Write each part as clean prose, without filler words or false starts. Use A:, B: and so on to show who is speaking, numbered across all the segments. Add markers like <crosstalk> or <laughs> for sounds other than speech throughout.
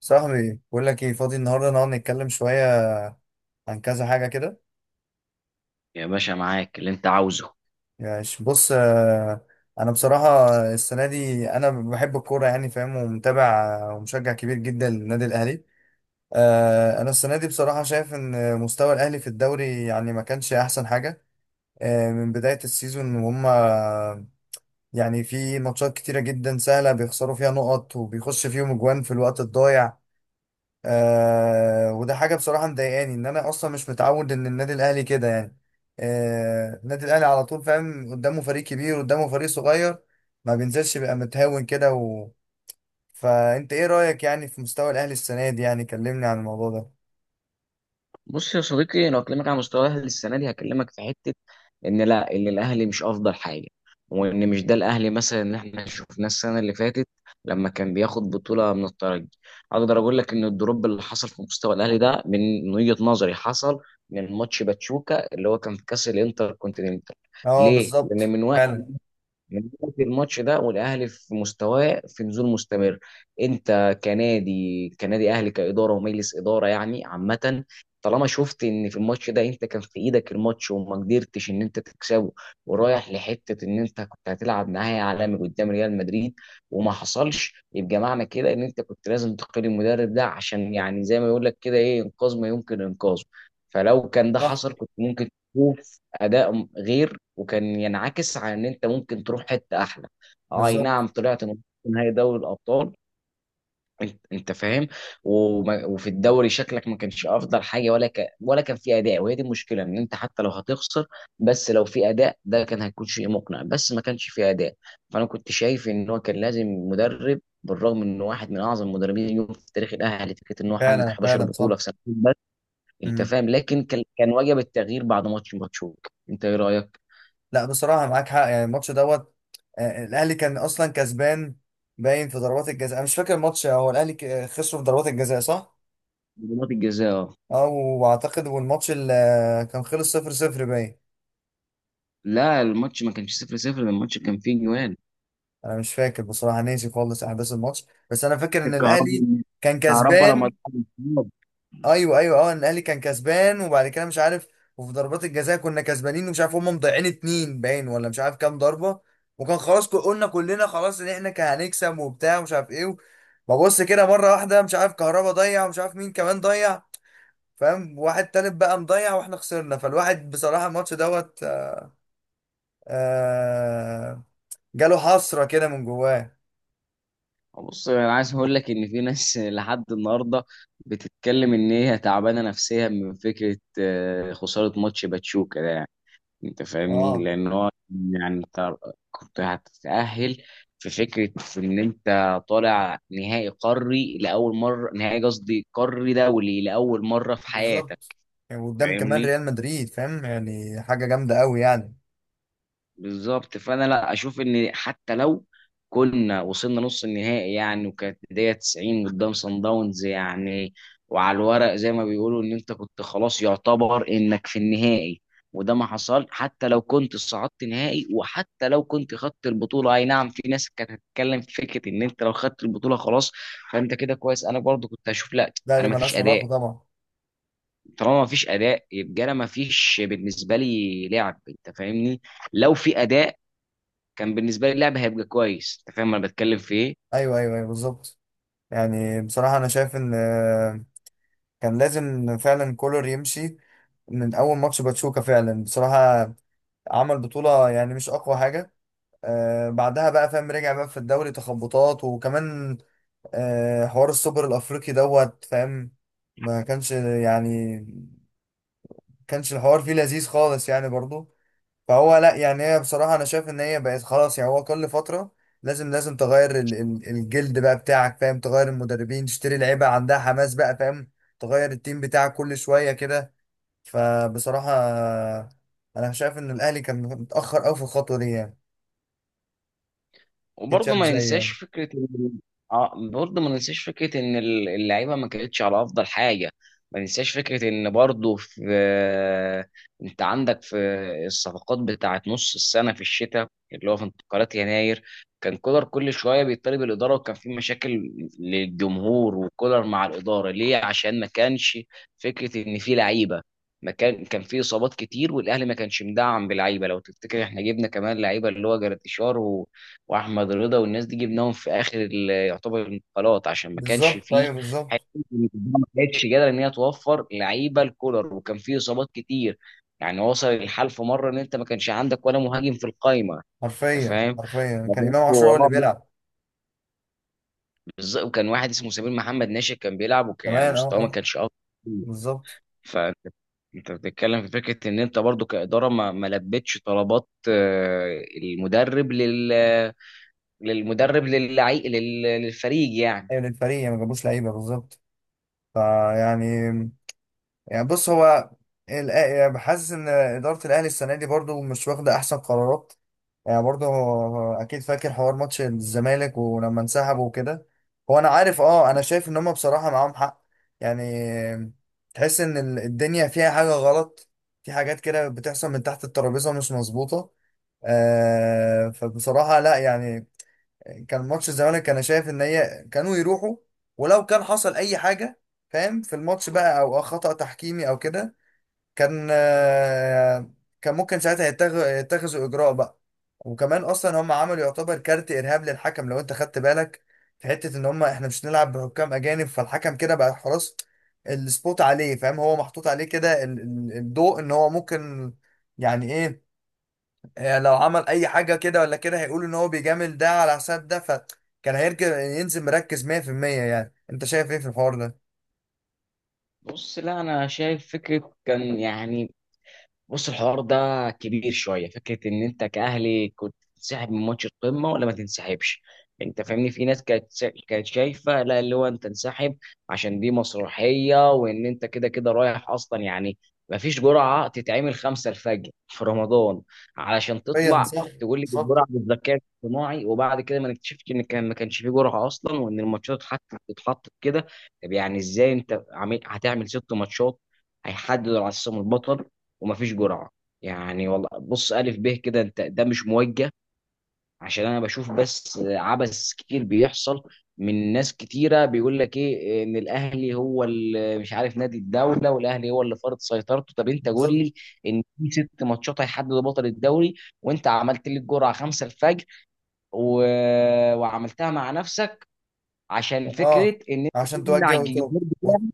A: صاحبي بقول لك ايه فاضي النهارده نقعد نتكلم شويه عن كذا حاجه كده.
B: يا باشا معاك اللي انت عاوزه.
A: يعني بص، انا بصراحه السنه دي انا بحب الكوره، يعني فاهم ومتابع، ومشجع كبير جدا للنادي الاهلي. انا السنه دي بصراحه شايف ان مستوى الاهلي في الدوري يعني ما كانش احسن حاجه. من بدايه السيزون، وهم يعني في ماتشات كتيره جدا سهله بيخسروا فيها نقط وبيخش فيهم اجوان في الوقت الضايع. وده حاجه بصراحه مضايقاني، ان انا اصلا مش متعود ان النادي الاهلي كده يعني. النادي الاهلي على طول فاهم، قدامه فريق كبير قدامه فريق صغير ما بينزلش، بيبقى متهاون كده فانت ايه رايك يعني في مستوى الاهلي السنه دي؟ يعني كلمني عن الموضوع ده.
B: بص يا صديقي، انا هكلمك على مستوى الاهلي السنه دي. هكلمك في حته ان لا، ان الاهلي مش افضل حاجه، وان مش ده الاهلي مثلا اللي احنا شفناه السنه اللي فاتت لما كان بياخد بطوله من الترجي. اقدر اقول لك ان الدروب اللي حصل في مستوى الاهلي ده من وجهه نظري حصل من ماتش باتشوكا اللي هو كان في كاس الانتر كونتيننتال.
A: اه
B: ليه؟ لان
A: بالظبط
B: من وقت،
A: فعلا.
B: من ناحية الماتش ده والاهلي في مستواه في نزول مستمر. انت كنادي اهلي، كاداره ومجلس اداره يعني عامه، طالما شفت ان في الماتش ده انت كان في ايدك الماتش وما قدرتش ان انت تكسبه، ورايح لحته ان انت كنت هتلعب نهائي عالمي قدام ريال مدريد وما حصلش، يبقى معنى كده ان انت كنت لازم تقيل المدرب ده، عشان يعني زي ما يقول لك كده ايه، انقاذ ما يمكن انقاذه. فلو كان ده
A: صح.
B: حصل كنت ممكن اداء غير وكان ينعكس على ان انت ممكن تروح حته احلى. اي
A: بالظبط.
B: نعم، طلعت من نهائي دوري الابطال، انت فاهم. وفي الدوري شكلك ما كانش افضل حاجه، ولا كان في اداء، وهي دي المشكله ان انت حتى لو هتخسر بس لو في اداء، ده كان هيكون شيء مقنع، بس ما كانش في اداء. فانا كنت شايف ان هو كان لازم مدرب، بالرغم انه واحد من اعظم المدربين اليوم في تاريخ الاهلي، فكره ان هو حقق
A: فعلا
B: 11
A: فعلا صح.
B: بطوله في سنتين بس، انت
A: مم.
B: فاهم. لكن كان وجب التغيير بعد ماتش ماتشوك. انت ايه رايك؟
A: لا بصراحه معاك حق، يعني الماتش دوت. الاهلي كان اصلا كسبان، باين في ضربات الجزاء. انا مش فاكر الماتش، هو الاهلي خسروا في ضربات الجزاء صح؟
B: ضربات الجزاء اه.
A: اه واعتقد، والماتش اللي كان خلص صفر صفر باين.
B: لا، الماتش ما كانش 0-0، ده الماتش كان فيه جوان.
A: انا مش فاكر بصراحه، ناسي خالص احداث الماتش، بس انا فاكر ان الاهلي
B: الكهرباء.
A: كان
B: الكهرباء لما
A: كسبان.
B: اتحط، الانفراد.
A: ايوه ايوه اه، ان الاهلي كان كسبان وبعد كده مش عارف. وفي ضربات الجزاء كنا كسبانين، ومش عارف هم مضيعين اتنين باين ولا مش عارف كام ضربه. وكان خلاص، قلنا كلنا خلاص ان احنا كان هنكسب وبتاع ومش عارف ايه. ببص كده مره واحده مش عارف كهربا ضيع، ومش عارف مين كمان ضيع، فاهم، واحد تالت بقى مضيع، واحنا خسرنا. فالواحد بصراحه الماتش دوت، آه جاله حسرة كده من جواه.
B: بص، انا عايز اقول لك ان في ناس <laughs> لحد النهارده بتتكلم ان هي تعبانه نفسيا من فكره خساره ماتش باتشوكا ده، يعني انت فاهمني.
A: اه
B: لان هو يعني انت كنت هتتاهل، في فكره ان انت طالع نهائي قاري لاول مره، نهائي قصدي قاري دولي لاول مره في حياتك،
A: بالظبط. يعني قدام كمان
B: فاهمني.
A: ريال مدريد، فاهم يعني حاجة جامدة قوي يعني.
B: بالظبط، فانا لا اشوف ان حتى لو كنا وصلنا نص النهائي يعني، وكانت بدايه 90 قدام صن داونز يعني، وعلى الورق زي ما بيقولوا ان انت كنت خلاص يعتبر انك في النهائي، وده ما حصل. حتى لو كنت صعدت نهائي وحتى لو كنت خدت البطوله، اي نعم في ناس كانت هتتكلم في فكره ان انت لو خدت البطوله خلاص. فانت كده كويس، انا برضو كنت هشوف لا،
A: لا دي
B: انا ما فيش
A: ملهاش علاقة
B: اداء.
A: طبعا.
B: طالما ما فيش اداء، يبقى انا ما فيش بالنسبه لي لعب، انت فاهمني. لو في اداء، كان بالنسبه لي اللعب هيبقى كويس. انت فاهم انا بتكلم في ايه؟
A: ايوه ايوه ايوه بالظبط. يعني بصراحة انا شايف ان كان لازم فعلا كولر يمشي من اول ماتش باتشوكا، فعلا بصراحة. عمل بطولة يعني مش اقوى حاجة. بعدها بقى فاهم رجع بقى في الدوري تخبطات، وكمان حوار السوبر الافريقي دوت، فاهم، ما كانش يعني كانش الحوار فيه لذيذ خالص يعني برضو. فهو لا يعني هي بصراحة أنا شايف إن هي بقت خلاص، يعني هو كل فترة لازم تغير الجلد بقى بتاعك، فاهم، تغير المدربين، تشتري لعيبة عندها حماس بقى فاهم، تغير التيم بتاعك كل شوية كده. فبصراحة أنا شايف إن الأهلي كان متأخر أوي في الخطوة دي يعني. أكيد
B: وبرضه
A: شايف
B: ما
A: زي
B: ننساش
A: يعني
B: فكره اه، برضه ما ننساش فكره ان اللعيبه ما كانتش على افضل حاجه. ما ننساش فكره ان برضه في، انت عندك في الصفقات بتاعت نص السنه في الشتاء اللي هو في انتقالات يناير، كان كولر كل شويه بيطالب الاداره، وكان في مشاكل للجمهور وكولر مع الاداره، ليه؟ عشان ما كانش فكره ان في لعيبه. ما كان، كان في اصابات كتير والاهلي ما كانش مدعم بلعيبه. لو تفتكر احنا جبنا كمان لعيبه اللي هو جراتيشار واحمد رضا والناس دي، جبناهم في اخر يعتبر الانتقالات، عشان ما كانش
A: بالظبط.
B: فيه
A: أيوه
B: حته
A: بالظبط.
B: إن الجماعة ما كانتش قادره ان هي توفر لعيبه الكولر، وكان فيه اصابات كتير. يعني وصل الحال في مره ان انت ما كانش عندك ولا مهاجم في القايمه، انت
A: حرفيا
B: فاهم؟
A: حرفيا
B: فبرضه
A: كان إمام عاشور هو اللي
B: آه، لا،
A: بيلعب
B: بالظبط. وكان واحد اسمه سمير محمد ناشئ كان بيلعب، وكان يعني
A: كمان. أه
B: مستواه ما
A: أه.
B: كانش افضل كتير.
A: بالظبط.
B: فانت، انت بتتكلم في فكره ان انت برضو كاداره ما لبتش طلبات المدرب، لل للمدرب للعي... لل- للفريق يعني.
A: أيوه للفريق يعني، ما جابوش لعيبة بالظبط. فيعني، يعني بص هو يعني بحس ان اداره الاهلي السنه دي برضو مش واخده احسن قرارات. يعني برضو هو اكيد فاكر حوار ماتش الزمالك ولما انسحبوا وكده. هو انا عارف، اه انا شايف ان هم بصراحه معاهم حق يعني. تحس ان الدنيا فيها حاجه غلط، في حاجات كده بتحصل من تحت الترابيزه مش مظبوطه. فبصراحه لا يعني. يعني كان ماتش الزمالك، انا شايف ان هي كانوا يروحوا، ولو كان حصل اي حاجه فاهم في الماتش بقى، او خطأ تحكيمي او كده، كان آه، كان ممكن ساعتها يتخذوا اجراء بقى. وكمان اصلا هم عملوا يعتبر كارت ارهاب للحكم، لو انت خدت بالك، في حته ان هم احنا مش نلعب بحكام اجانب، فالحكم كده بقى خلاص السبوت عليه فاهم، هو محطوط عليه كده الضوء ان هو ممكن، يعني ايه، هي لو عمل اي حاجه كده ولا كده هيقولوا ان هو بيجامل ده على حساب ده، فكان هيركب ينزل مركز 100%. يعني انت شايف ايه في الحوار ده؟
B: بص، لا انا شايف فكره كان يعني، بص الحوار ده كبير شويه. فكره ان انت كاهلي كنت تنسحب من ماتش القمه ولا ما تنسحبش، يعني انت فاهمني. في ناس كانت كانت شايفه لا، اللي هو انت انسحب عشان دي مسرحيه، وان انت كده كده رايح اصلا يعني. ما فيش جرعه تتعمل خمسة الفجر في رمضان علشان
A: حرفيا
B: تطلع
A: صح.
B: تقول لي الجرعه بالذكاء الاصطناعي، وبعد كده ما نكتشفش ان كان ما كانش في جرعه اصلا، وان الماتشات حتى بتتحط كده. طب يعني ازاي انت عامل هتعمل ست ماتشات هيحددوا على اساسهم البطل ومفيش جرعه؟ يعني والله بص، الف ب كده انت، ده مش موجه، عشان انا بشوف بس عبث كتير بيحصل من ناس كتيره، بيقول لك ايه، ان الاهلي هو اللي مش عارف نادي الدوله، والاهلي هو اللي فرض سيطرته. طب انت قول
A: بالظبط.
B: لي ان في ست ماتشات هيحددوا بطل الدوري، وانت عملت لي الجرعه 5 الفجر و... وعملتها مع نفسك عشان
A: اه
B: فكره ان انت
A: عشان
B: تمنع
A: توجه وتوب
B: الجمهور،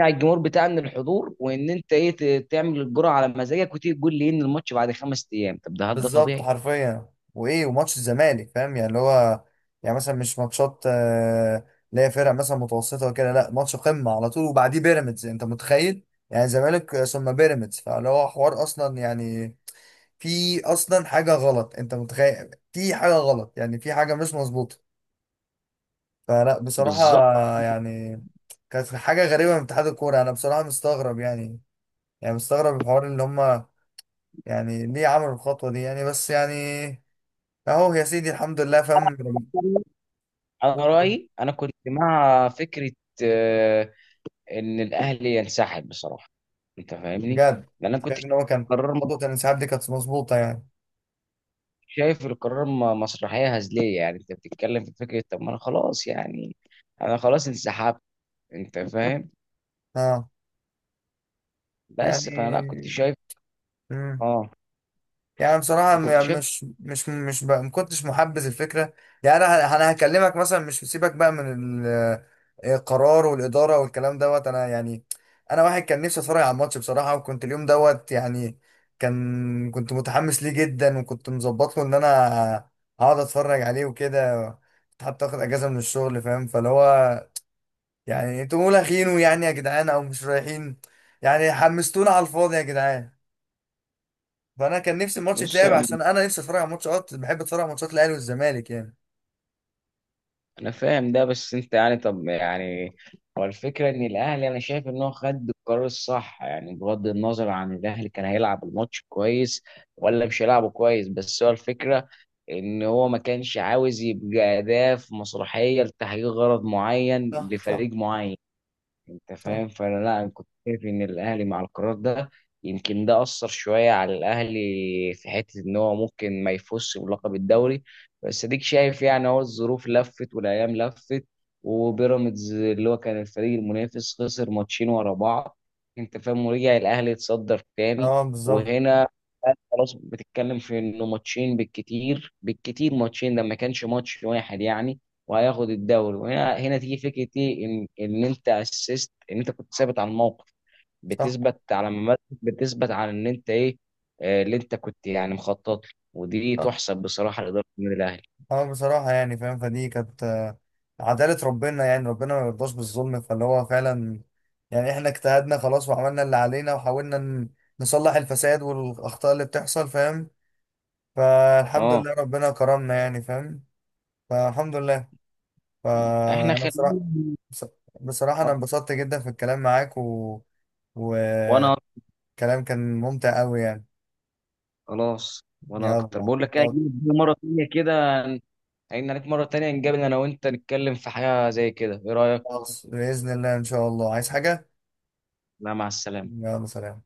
B: على الجمهور بتاع ان الحضور، وان انت ايه، تعمل الجرعه على مزاجك وتيجي تقول لي إيه ان الماتش بعد خمس ايام. طب ده هل ده
A: بالظبط
B: طبيعي؟
A: حرفيا وايه. وماتش الزمالك فاهم يعني اللي هو، يعني مثلا مش ماتشات اللي هي فرق مثلا متوسطه وكده، لا ماتش قمه على طول وبعديه بيراميدز انت متخيل، يعني زمالك ثم بيراميدز. فاللي هو حوار اصلا، يعني في اصلا حاجه غلط، انت متخيل في حاجه غلط يعني، في حاجه مش مظبوطه. فلا بصراحه
B: بالظبط.
A: يعني كانت حاجه غريبه من اتحاد الكوره، انا بصراحه مستغرب يعني، يعني مستغرب الحوار اللي هم يعني، ليه عملوا الخطوه دي يعني، بس يعني اهو يا سيدي الحمد لله فاهم.
B: انا رايي، انا كنت مع فكره آه، ان الاهلي ينسحب بصراحه، انت فاهمني.
A: بجد
B: لان انا كنت
A: شايف ان هو كان
B: قرار،
A: خطوه الانسحاب دي كانت مظبوطه يعني.
B: شايف القرار مسرحيه هزليه يعني. انت بتتكلم في فكره، طب ما انا خلاص يعني، انا خلاص انسحبت، انت فاهم.
A: اه يعني.
B: بس فانا لا كنت شايف،
A: مم.
B: اه
A: يعني بصراحة
B: انا كنت
A: يعني
B: شايف.
A: مش بقى ما كنتش محبذ الفكرة يعني. أنا أنا هكلمك مثلا، مش سيبك بقى من ال- القرار والإدارة والكلام دوت. أنا يعني أنا واحد كان نفسي أتفرج على الماتش بصراحة، وكنت اليوم دوت يعني كان كنت متحمس ليه جدا، وكنت مظبط له إن أنا هقعد أتفرج عليه وكده، كنت حتى آخد أجازة من الشغل فاهم. فاللي هو يعني أنتوا مولاخينه يعني يا جدعان أو مش رايحين يعني، حمستونا على الفاضي يا جدعان. فانا كان نفسي الماتش
B: بص،
A: يتلعب، عشان انا نفسي اتفرج على ماتشات، بحب اتفرج على ماتشات الاهلي والزمالك يعني.
B: انا فاهم ده، بس انت يعني طب يعني، هو الفكره ان الاهلي انا شايف ان هو خد القرار الصح، يعني بغض النظر عن الاهلي كان هيلعب الماتش كويس ولا مش هيلعبه كويس، بس هو الفكره ان هو ما كانش عاوز يبقى اداه في مسرحيه لتحقيق غرض معين
A: صح صح
B: لفريق معين، انت
A: صح.
B: فاهم. فانا لا، انا كنت شايف ان الاهلي مع القرار ده. يمكن ده اثر شويه على الاهلي في حته ان هو ممكن ما يفوزش بلقب الدوري، بس اديك شايف يعني هو الظروف لفت والايام لفت، وبيراميدز اللي هو كان الفريق المنافس خسر ماتشين ورا بعض، انت فاهم، ورجع الاهلي يتصدر تاني.
A: اه بالظبط.
B: وهنا خلاص بتتكلم في انه ماتشين، بالكتير بالكتير ماتشين، ده ما كانش ماتش واحد يعني، وهياخد الدوري. وهنا تيجي فكره ايه، ان انت اسست ان انت كنت ثابت على الموقف،
A: صح
B: بتثبت على ممارسة، بتثبت على ان انت ايه، اللي انت كنت يعني مخطط له. ودي
A: صح.
B: تحسب بصراحه لاداره النادي الاهلي.
A: اه بصراحة يعني فاهم، فدي كانت عدالة ربنا يعني، ربنا ما يرضاش بالظلم، فاللي هو فعلا يعني احنا اجتهدنا خلاص وعملنا اللي علينا، وحاولنا نصلح الفساد والأخطاء اللي بتحصل فاهم، فالحمد
B: اه
A: لله ربنا كرمنا يعني فاهم. فالحمد لله.
B: احنا
A: فأنا
B: خلينا،
A: بصراحة بص- بصراحة أنا انبسطت جدا في الكلام معاك، و...
B: وانا أكتر.
A: كلام كان ممتع قوي يعني.
B: خلاص وانا
A: يلا
B: اكتر. بقول لك ايه،
A: يلا،
B: هجيلك بيه مره تانيه كده، هين عليك مره تانيه، نقابل انا وانت نتكلم في حاجه زي كده، ايه رايك؟
A: خلاص بإذن الله إن شاء الله عايز حاجة.
B: لا مع السلامه.
A: يلا سلام.